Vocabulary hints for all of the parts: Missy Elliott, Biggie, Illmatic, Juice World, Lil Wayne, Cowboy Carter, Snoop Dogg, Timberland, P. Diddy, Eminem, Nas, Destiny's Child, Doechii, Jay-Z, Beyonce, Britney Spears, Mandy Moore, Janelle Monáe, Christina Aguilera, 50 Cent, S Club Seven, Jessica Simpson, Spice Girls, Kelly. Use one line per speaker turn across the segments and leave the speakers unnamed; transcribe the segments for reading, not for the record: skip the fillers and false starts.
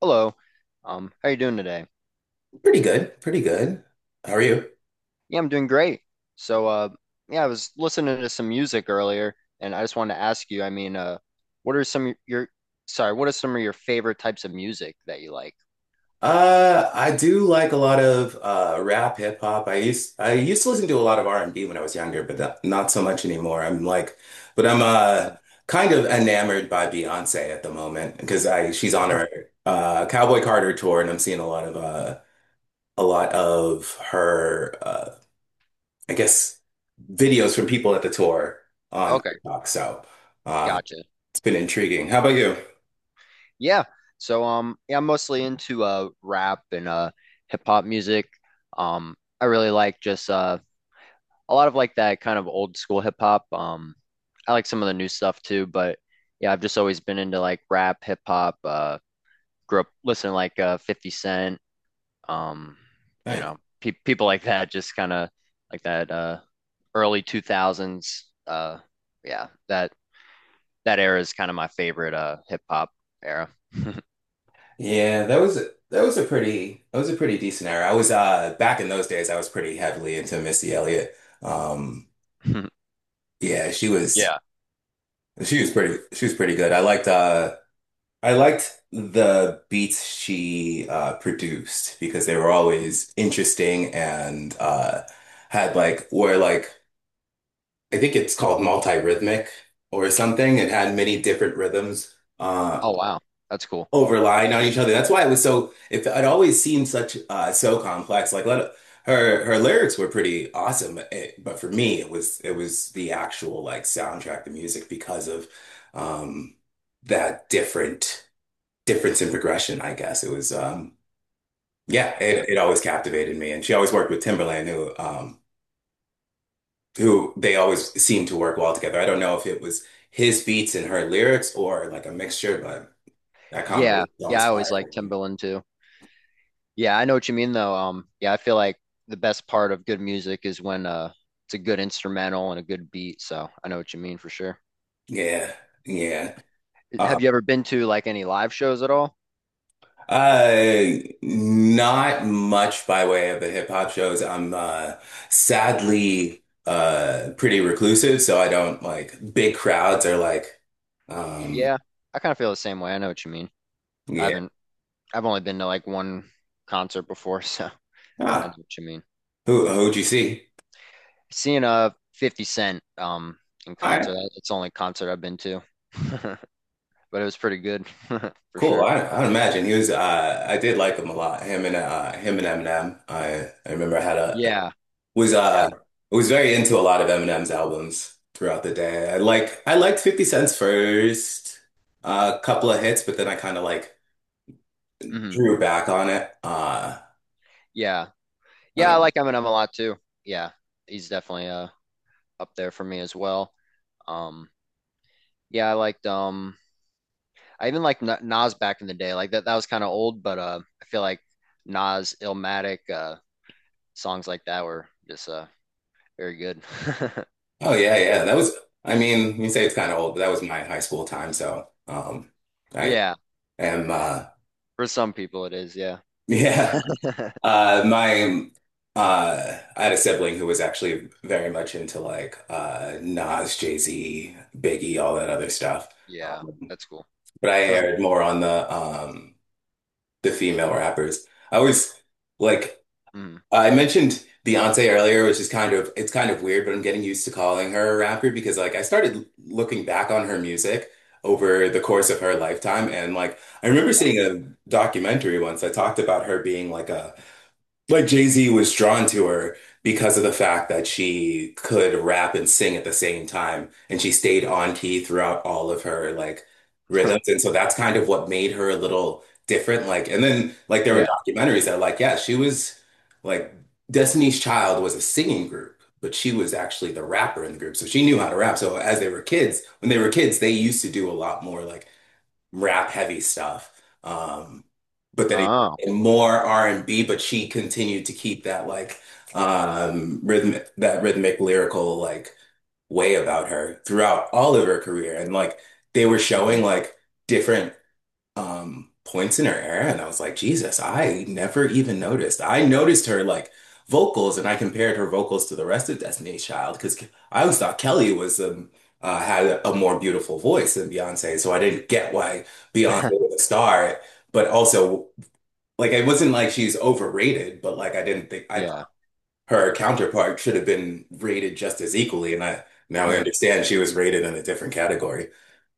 Hello. How you doing today?
Pretty good, pretty good. How are you?
Yeah, I'm doing great. So, yeah, I was listening to some music earlier, and I just wanted to ask you, I mean, what are some of your, sorry, what are some of your favorite types of music that you like?
I do like a lot of rap, hip hop. I used to listen to a lot of R&B when I was younger, but not so much anymore. I'm like, but I'm
Okay.
kind of enamored by Beyonce at the moment because I she's on her Cowboy Carter tour, and I'm seeing a lot of her I guess videos from people at the tour on
Okay,
TikTok. So uh,
gotcha.
it's been intriguing. How about you?
Yeah. So, yeah, I'm mostly into rap and hip hop music. I really like just a lot of like that kind of old school hip hop. I like some of the new stuff too, but yeah, I've just always been into like rap, hip hop, grew up listening to like 50 Cent, um, you know, pe people like that, just kind of like that early 2000s. Yeah, that era is kind of my favorite hip hop era.
Yeah, that was a pretty that was a pretty decent era. I was back in those days I was pretty heavily into Missy Elliott. Um yeah,
Yeah.
she was pretty good. I liked the beats she produced because they were
Mhm.
always interesting and had like were like I think it's called multi-rhythmic or something. It had many different rhythms.
Oh wow, that's cool.
Overlying on each other. That's why it was it always seemed such so complex. Like let her lyrics were pretty awesome, but for me it was the actual like soundtrack, the music because of um that different difference in progression, I guess. It was yeah,
Yeah.
it always captivated me and she always worked with Timberland who they always seemed to work well together. I don't know if it was his beats and her lyrics or like a mixture, but that
Yeah,
combination was
yeah,
always
I always like
fire.
Timberland too. Yeah, I know what you mean though. Yeah, I feel like the best part of good music is when it's a good instrumental and a good beat. So I know what you mean for sure.
Yeah, yeah. Uh,
Have you ever been to like any live shows at all?
uh, Not much by way of the hip hop shows. I'm sadly pretty reclusive, so I don't like big crowds are like, um,
Yeah, I kind of feel the same way. I know what you mean. I
yeah.
haven't, I've only been to like one concert before, so I know
Ah,
what you mean.
who'd you see?
Seeing a 50 Cent in
All right,
concert, it's the only concert I've been to, but it was pretty good for
cool.
sure.
I'd imagine he was. I did like him a lot. Him and Eminem. I remember I had a
Yeah,
was
yeah,
uh was very into a lot of Eminem's albums throughout the day. I liked 50 Cent's first couple of hits, but then I kind of like
hmm
drew back on it.
yeah,
I
yeah. I
don't know.
like Eminem a lot too. Yeah, he's definitely up there for me as well. Um, yeah, I liked I even liked Nas back in the day. Like that was kind of old, but I feel like Nas, Illmatic, songs like that were just very good.
Oh yeah, yeah. That was I mean, you say it's kind of old, but that was my high school time, so I
Yeah,
am
for some people it is. Yeah,
yeah. My I had a sibling who was actually very much into like Nas, Jay-Z, Biggie, all that other stuff.
yeah,
Um,
that's cool.
But I aired more on the female rappers. I was like
Mm,
I mentioned Beyonce earlier, which is it's kind of weird, but I'm getting used to calling her a rapper because like I started looking back on her music over the course of her lifetime and like I remember
yeah,
seeing a documentary once that talked about her being like a like Jay-Z was drawn to her because of the fact that she could rap and sing at the same time, and she stayed on key throughout all of her like rhythms. And so that's kind of what made her a little different. Like, and then like there were
yeah.
documentaries that like, yeah, she was like Destiny's Child was a singing group, but she was actually the rapper in the group. So she knew how to rap. So as they were kids, when they were kids, they used to do a lot more like rap heavy stuff. Um, but then it,
Oh,
and more R&B, but she continued to keep that like rhythmic that rhythmic lyrical like way about her throughout all of her career. And like they were
mhm.
showing like different points in her era and I was like, Jesus, I never even noticed. I noticed her like vocals and I compared her vocals to the rest of Destiny's Child because I always thought Kelly was had a more beautiful voice than Beyonce, so I didn't get why Beyonce was a star, but also like it wasn't like she's overrated, but like I didn't think I thought
Yeah.
her counterpart should have been rated just as equally and I now I
Mhm.
understand she was rated in a different category.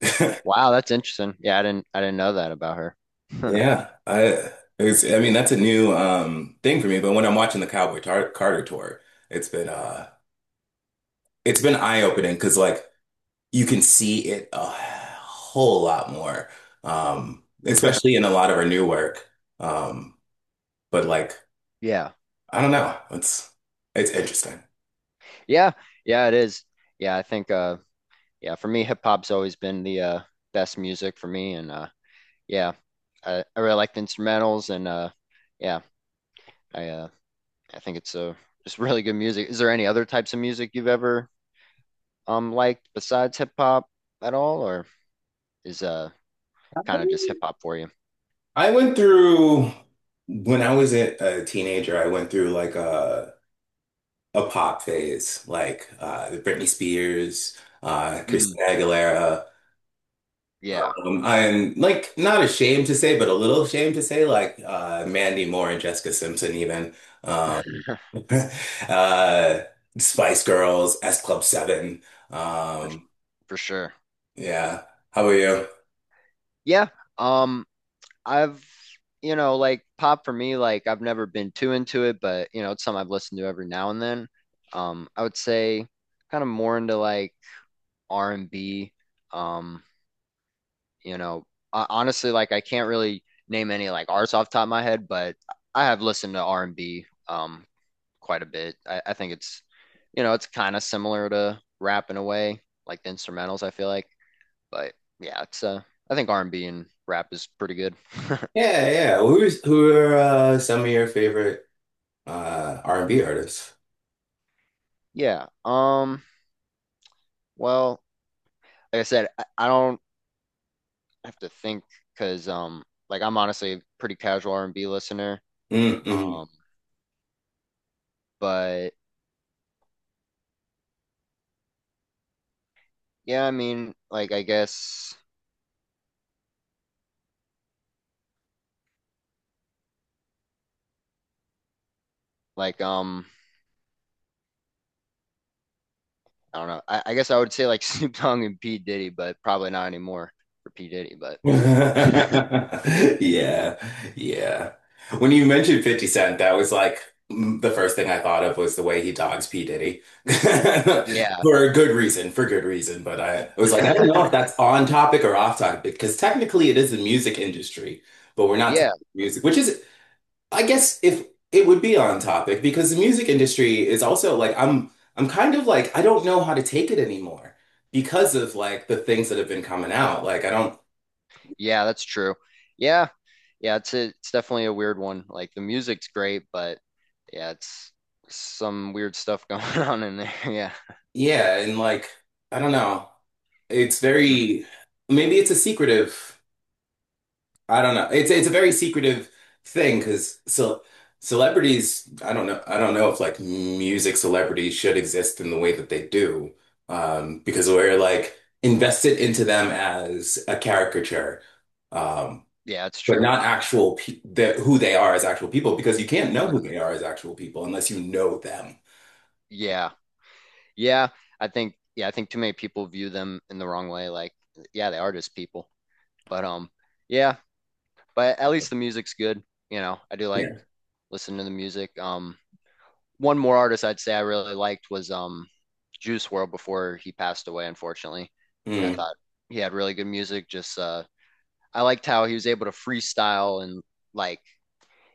Wow, that's interesting. Yeah, I didn't know that about her.
Yeah, I it's, I mean that's a new thing for me, but when I'm watching the Cowboy Tar Carter tour, it's been uh it's been eye-opening opening because like you can see it a whole lot more. Um, especially in a lot of our new work. Um but like
Yeah.
I don't know, it's interesting.
Yeah. Yeah, it is. Yeah, I think yeah, for me hip hop's always been the best music for me and yeah, I really like the instrumentals and yeah, I uh I think it's a just really good music. Is there any other types of music you've ever liked besides hip hop at all, or is kind of just hip hop for you?
I went through when I was a teenager, I went through like a pop phase, like Britney Spears,
Hmm.
Christina Aguilera.
Yeah,
I'm like not ashamed to say, but a little ashamed to say, like Mandy Moore and Jessica Simpson, even
for,
um, uh, Spice Girls, S Club Seven. Um,
for sure.
yeah, how about you?
Yeah. Um, I've you know like pop for me, like I've never been too into it, but you know it's something I've listened to every now and then. I would say kind of more into like R&B. Um, You know, honestly, like I can't really name any like artists off the top of my head, but I have listened to R&B quite a bit. I think it's, you know, it's kind of similar to rap in a way, like the instrumentals, I feel like. But yeah, it's I think R&B and B and rap is pretty good.
Yeah, yeah. Who are some of your favorite R&B artists?
Yeah. Well, like I said, I don't have to think because like I'm honestly a pretty casual R&B listener.
Mm-hmm.
Um, but yeah, I mean, like I guess like I don't know. I guess I would say like Snoop Dogg and P. Diddy, but probably not anymore for P. Diddy. But
Yeah, yeah. When you mentioned 50 Cent, that was like the first thing I thought of was the way he dogs P. Diddy.
yeah,
For a good reason, for good reason. But I was like, I don't know if that's on topic or off topic because technically it is the music industry, but we're not talking
yeah,
music, which is, I guess, if it would be on topic because the music industry is also like, I'm kind of like, I don't know how to take it anymore because of like the things that have been coming out. Like, I don't.
yeah, that's true. Yeah, yeah, it's definitely a weird one. Like the music's great, but yeah, it's some weird stuff going on in there. Yeah.
Yeah, and like I don't know. It's
Mhm.
very Maybe it's a secretive. I don't know. It's a very secretive thing because so celebrities, I don't know. I don't know if like music celebrities should exist in the way that they do. Because we're like invested into them as a caricature. Um,
Yeah, it's
but
true.
not actual who they are as actual people because you can't know who
Mhm.
they are as actual people unless you know them.
Yeah, yeah, yeah, I think too many people view them in the wrong way. Like yeah, they are just people, but yeah, but at least the music's good. You know, I do like
Yeah.
listen to the music. One more artist I'd say I really liked was Juice World before he passed away, unfortunately. I
Mm.
thought he had really good music. Just I liked how he was able to freestyle and like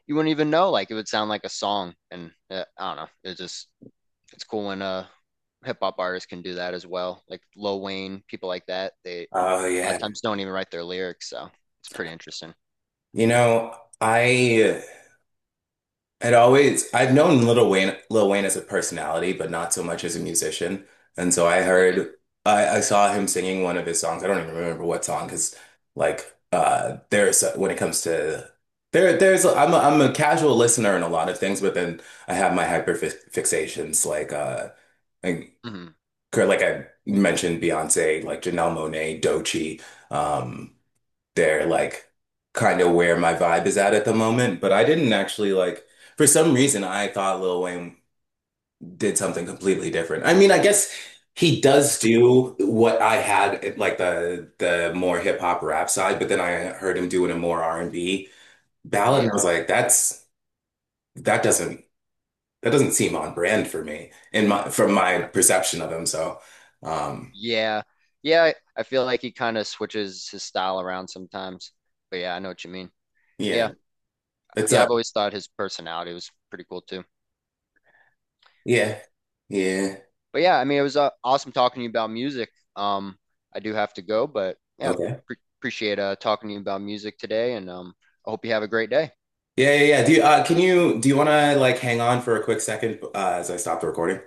you wouldn't even know like it would sound like a song and I don't know. It's just it's cool when hip hop artists can do that as well. Like Lil Wayne, people like that, they a
Oh
lot of
yeah.
times don't even write their lyrics, so it's pretty interesting.
You know, I It always, I've known Lil Wayne as a personality, but not so much as a musician. And so I
Yeah.
heard, I saw him singing one of his songs. I don't even remember what song, because like, there's when it comes to there's I'm a casual listener in a lot of things, but then I have my hyper fi fixations like like,
hmm
like I mentioned Beyonce, like Janelle Monáe, Doechii, um they're like kind of where my vibe is at the moment. But I didn't actually like, for some reason, I thought Lil Wayne did something completely different. I mean, I guess he does do what I had like the more hip hop rap side, but then I heard him doing a more R&B ballad,
Yeah.
and I was like, that doesn't that doesn't seem on brand for me in my from my perception of him. So, um,
Yeah. Yeah, I feel like he kind of switches his style around sometimes. But yeah, I know what you mean. Yeah.
yeah, it's
Yeah,
a
I've always thought his personality was pretty cool too.
yeah, yeah,
But yeah, I mean, it was awesome talking to you about music. Um, I do have to go, but yeah,
okay.
pre appreciate talking to you about music today and I hope you have a great day.
Yeah, yeah, yeah. Do you can you do you want to like hang on for a quick second as I stop the recording?